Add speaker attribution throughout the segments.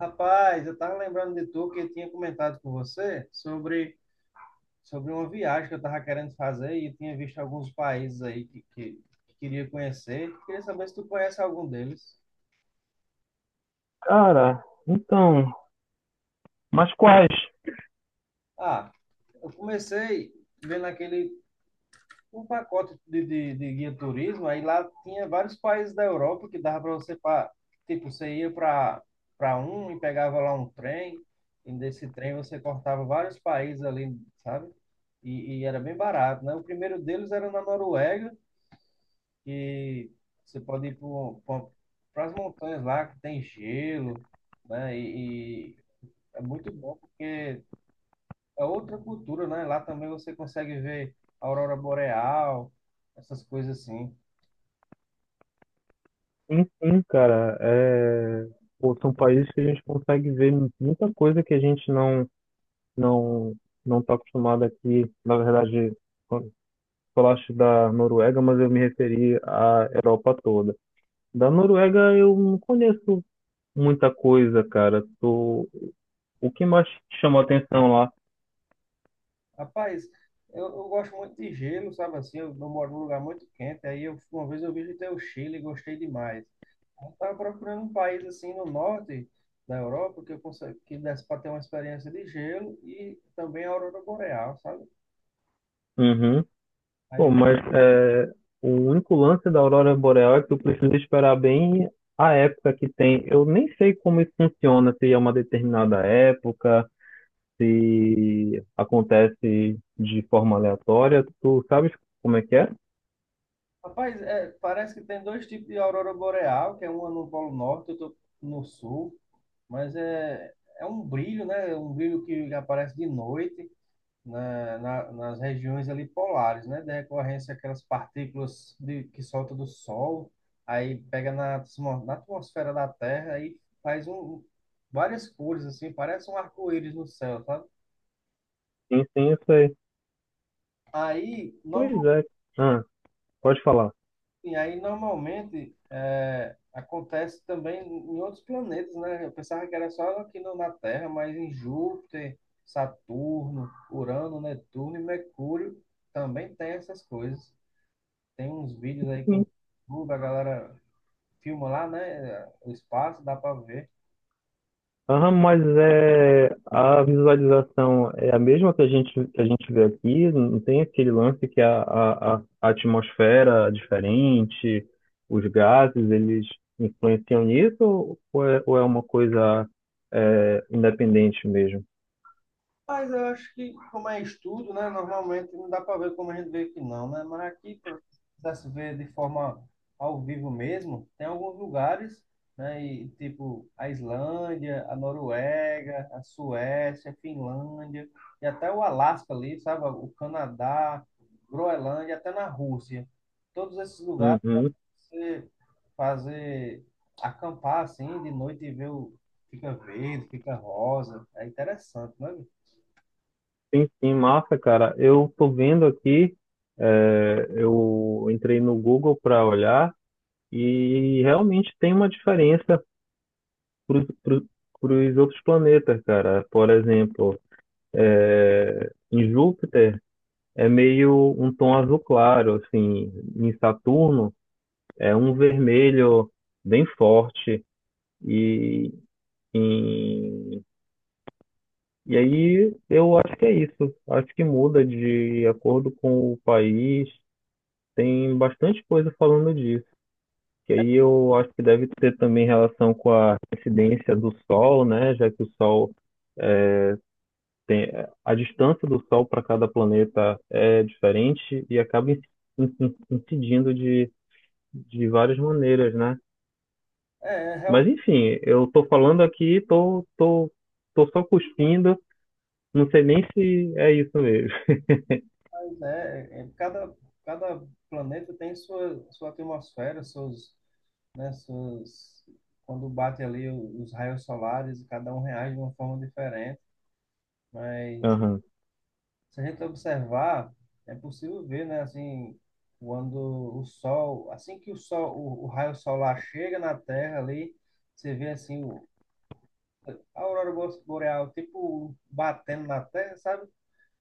Speaker 1: Rapaz, eu estava lembrando de tu que eu tinha comentado com você sobre uma viagem que eu estava querendo fazer e eu tinha visto alguns países aí que queria conhecer. Queria saber se tu conhece algum deles.
Speaker 2: Cara, então, mas quais?
Speaker 1: Ah, eu comecei vendo aquele um pacote de guia turismo, aí lá tinha vários países da Europa que dava para você, pra, tipo, você ia para um e pegava lá um trem, e desse trem você cortava vários países ali, sabe? E era bem barato, né? O primeiro deles era na Noruega, que você pode ir para as montanhas lá, que tem gelo, né? E é muito bom porque é outra cultura, né? Lá também você consegue ver a aurora boreal, essas coisas assim.
Speaker 2: Enfim, cara, é, pô, são países que a gente consegue ver muita coisa que a gente não não está acostumado aqui. Na verdade, quando falaste da Noruega, mas eu me referi à Europa toda. Da Noruega eu não conheço muita coisa, cara. Tô... O que mais te chamou a atenção lá?
Speaker 1: Rapaz, eu gosto muito de gelo, sabe assim? Eu moro num lugar muito quente, aí eu, uma vez eu visitei o Chile e gostei demais. Eu estava procurando um país assim no norte da Europa que eu consegue, que desse para ter uma experiência de gelo e também a aurora boreal, sabe?
Speaker 2: Uhum. Pô,
Speaker 1: Aí,
Speaker 2: mas é, o único lance da aurora boreal é que tu precisa esperar bem a época que tem. Eu nem sei como isso funciona, se é uma determinada época, se acontece de forma aleatória. Tu sabes como é que é?
Speaker 1: rapaz, é, parece que tem dois tipos de aurora boreal, que é uma no Polo Norte, outra no Sul. Mas é, é um brilho, né? É um brilho que aparece de noite nas regiões ali polares, né? Da recorrência aquelas partículas de, que solta do Sol, aí pega na, na atmosfera da Terra e faz um, várias cores, assim, parece um arco-íris no céu, sabe?
Speaker 2: Sim, sim, eu sei.
Speaker 1: Aí, no-
Speaker 2: Pois é. Ah, pode falar.
Speaker 1: E aí, normalmente, é, acontece também em outros planetas, né? Eu pensava que era só aqui no- na Terra, mas em Júpiter, Saturno, Urano, Netuno e Mercúrio também tem essas coisas. Tem uns vídeos aí que eu vi, no YouTube, a galera filma lá, né? O espaço, dá para ver.
Speaker 2: Aham, mas é, a visualização é a mesma que a gente vê aqui, não tem aquele lance que a atmosfera é diferente, os gases, eles influenciam nisso, ou é uma coisa é, independente mesmo?
Speaker 1: Mas eu acho que, como é estudo, né? Normalmente não dá para ver como a gente vê aqui, não, né? Mas aqui, para se ver de forma ao vivo mesmo, tem alguns lugares, né? E, tipo, a Islândia, a Noruega, a Suécia, a Finlândia, e até o Alasca ali, sabe? O Canadá, Groenlândia, até na Rússia. Todos esses lugares,
Speaker 2: Uhum.
Speaker 1: você fazer, acampar assim, de noite e ver o. Fica verde, fica rosa. É interessante, né?
Speaker 2: Sim, sim, massa, cara. Eu tô vendo aqui, é, eu entrei no Google para olhar e realmente tem uma diferença para os outros planetas, cara. Por exemplo, é, em Júpiter é meio um tom azul claro, assim, em Saturno é um vermelho bem forte e em- e aí eu acho que é isso. Acho que muda de acordo com o país. Tem bastante coisa falando disso. Que aí eu acho que deve ter também relação com a incidência do Sol, né? Já que o Sol a distância do Sol para cada planeta é diferente e acaba incidindo de várias maneiras, né?
Speaker 1: É,
Speaker 2: Mas
Speaker 1: realmente,
Speaker 2: enfim, eu tô falando aqui, tô só cuspindo, não sei nem se é isso mesmo.
Speaker 1: né? é, é, Cada, cada planeta tem sua, sua atmosfera, seus, né, suas, quando bate ali os raios solares, cada um reage de uma forma diferente. Mas
Speaker 2: Aham.
Speaker 1: se a gente observar, é possível ver, né, assim, quando o sol, assim que o sol, o raio solar chega na Terra ali, você vê assim o, a boreal, tipo batendo na Terra, sabe?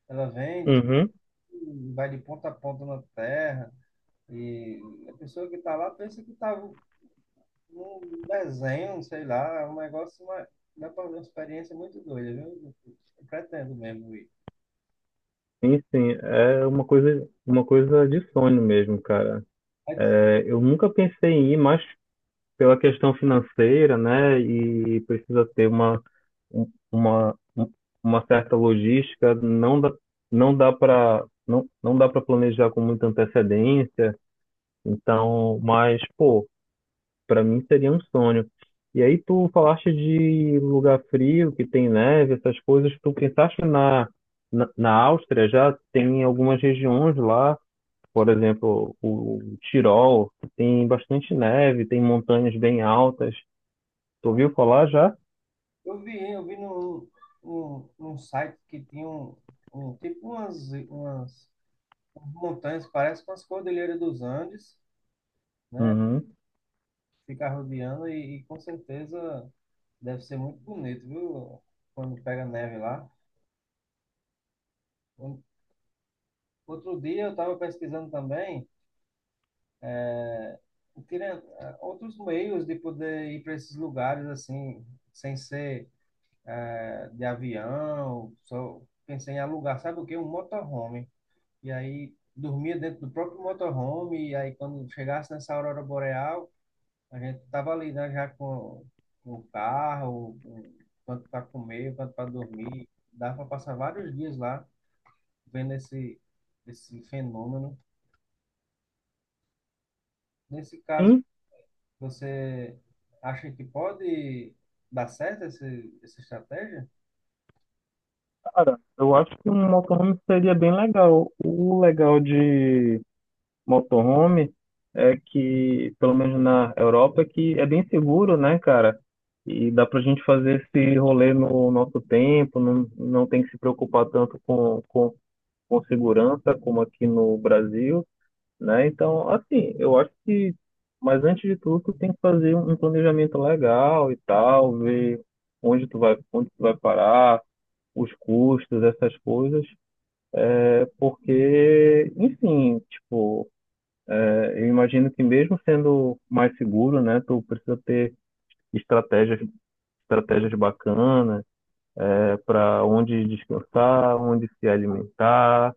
Speaker 1: Ela vem,
Speaker 2: Uhum.
Speaker 1: vai de ponta a ponta na Terra. E a pessoa que está lá pensa que está num desenho, sei lá, é um negócio, uma, dá pra uma experiência muito doida, viu? Eu pretendo mesmo ir.
Speaker 2: Sim, sim, é uma coisa de sonho mesmo, cara.
Speaker 1: Mas
Speaker 2: É, eu nunca pensei em ir, mas pela questão financeira, né? E precisa ter um- uma, um- uma certa logística, não dá, não dá para não, não dá para planejar com muita antecedência, então, mas, pô, para mim seria um sonho. E aí tu falaste de lugar frio, que tem neve, essas coisas, tu pensaste na Áustria, já tem algumas regiões lá, por exemplo, o Tirol, que tem bastante neve, tem montanhas bem altas. Tu ouviu falar já?
Speaker 1: eu vi num site que tinha um, um tipo umas, umas montanhas, parece com as Cordilheiras dos Andes, né?
Speaker 2: Uhum.
Speaker 1: Fica rodeando e com certeza deve ser muito bonito, viu? Quando pega neve lá. Um- Outro dia eu estava pesquisando também. Teria outros meios de poder ir para esses lugares assim, sem ser eh, de avião. Só pensei em alugar, sabe o quê? Um motorhome. E aí dormia dentro do próprio motorhome. E aí quando chegasse nessa aurora boreal, a gente tava ali, né, já com o carro, com, quanto para comer, quanto para dormir. Dá para passar vários dias lá vendo esse, esse fenômeno. Nesse caso,
Speaker 2: Sim.
Speaker 1: você acha que pode dar certo essa estratégia?
Speaker 2: Cara, eu acho que um motorhome seria bem legal. O legal de motorhome é que, pelo menos na Europa, é que é bem seguro, né, cara? E dá pra gente fazer esse rolê no nosso tempo, não, não tem que se preocupar tanto com segurança como aqui no Brasil, né? Então, assim, eu acho que, mas antes de tudo, tu tem que fazer um planejamento legal e tal, ver onde tu vai parar os custos, essas coisas, porque, enfim, tipo, é, eu imagino que mesmo sendo mais seguro, né, tu precisa ter estratégias, estratégias bacanas, é, para onde descansar, onde se alimentar,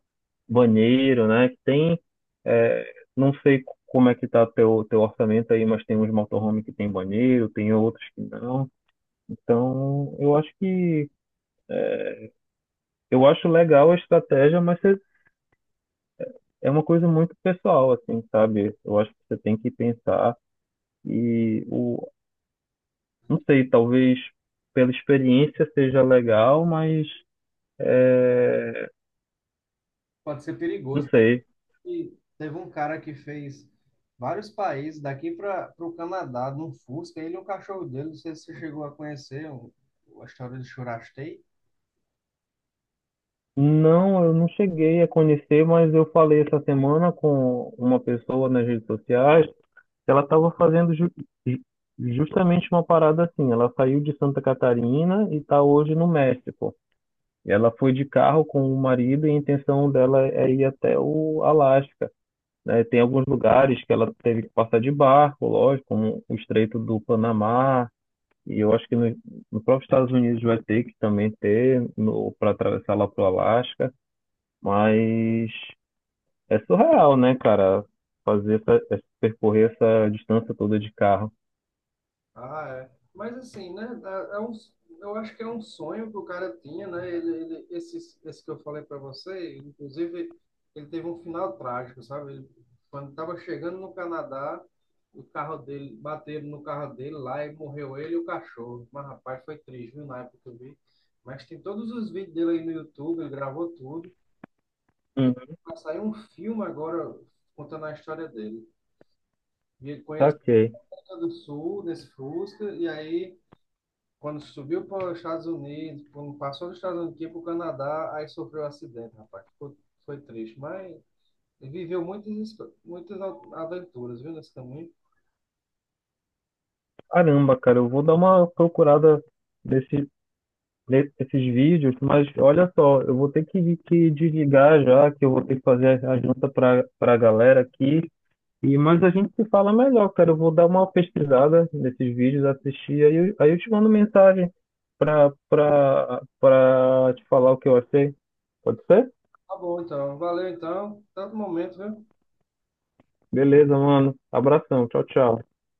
Speaker 2: banheiro, né? Que tem, é, não sei como é que tá teu orçamento aí, mas tem uns motorhome que tem banheiro, tem outros que não. Então, eu acho que eu acho legal a estratégia, mas você- é uma coisa muito pessoal, assim, sabe? Eu acho que você tem que pensar. E o, não sei, talvez pela experiência seja legal, mas é,
Speaker 1: Pode ser
Speaker 2: não
Speaker 1: perigoso.
Speaker 2: sei.
Speaker 1: E teve um cara que fez vários países, daqui para o Canadá, num Fusca, ele e um cachorro dele, não sei se você chegou a conhecer a história de Churastei.
Speaker 2: Não, eu não cheguei a conhecer, mas eu falei essa semana com uma pessoa nas redes sociais, que ela estava fazendo ju- justamente uma parada assim. Ela saiu de Santa Catarina e está hoje no México. E ela foi de carro com o marido e a intenção dela é ir até o Alasca. Né? Tem alguns lugares que ela teve que passar de barco, lógico, como o Estreito do Panamá, e eu acho que no próprio Estados Unidos vai ter que também ter para atravessar lá para o Alasca, mas é surreal, né, cara? Fazer percorrer essa distância toda de carro.
Speaker 1: Ah, é. Mas assim, né? É um, eu acho que é um sonho que o cara tinha, né? Esse que eu falei para você, inclusive, ele teve um final trágico, sabe? Ele, quando estava chegando no Canadá, o carro dele, bateram no carro dele lá e morreu ele e o cachorro. Mas, rapaz, foi triste, viu? Na época que eu vi. Mas tem todos os vídeos dele aí no YouTube, ele gravou tudo. E
Speaker 2: Hum,
Speaker 1: vai sair um filme agora contando a história dele. E ele conheceu
Speaker 2: saquei.
Speaker 1: a do Sul, nesse Fusca, e aí. Quando subiu para os Estados Unidos, quando passou dos Estados Unidos para o Canadá, aí sofreu um acidente, rapaz. Foi, foi triste, mas ele viveu muitas, muitas aventuras, viu, nesse caminho.
Speaker 2: Caramba, cara, eu vou dar uma procurada nesse, nesses vídeos, mas olha só, eu vou ter que desligar já, que eu vou ter que fazer a janta para a galera aqui. E, mas a gente se fala melhor, cara. Eu vou dar uma pesquisada nesses vídeos, assistir, aí eu te mando mensagem pra te falar o que eu achei. Pode ser?
Speaker 1: Tá bom, então. Valeu, então. Tanto momento, viu?
Speaker 2: Beleza, mano. Abração. Tchau, tchau.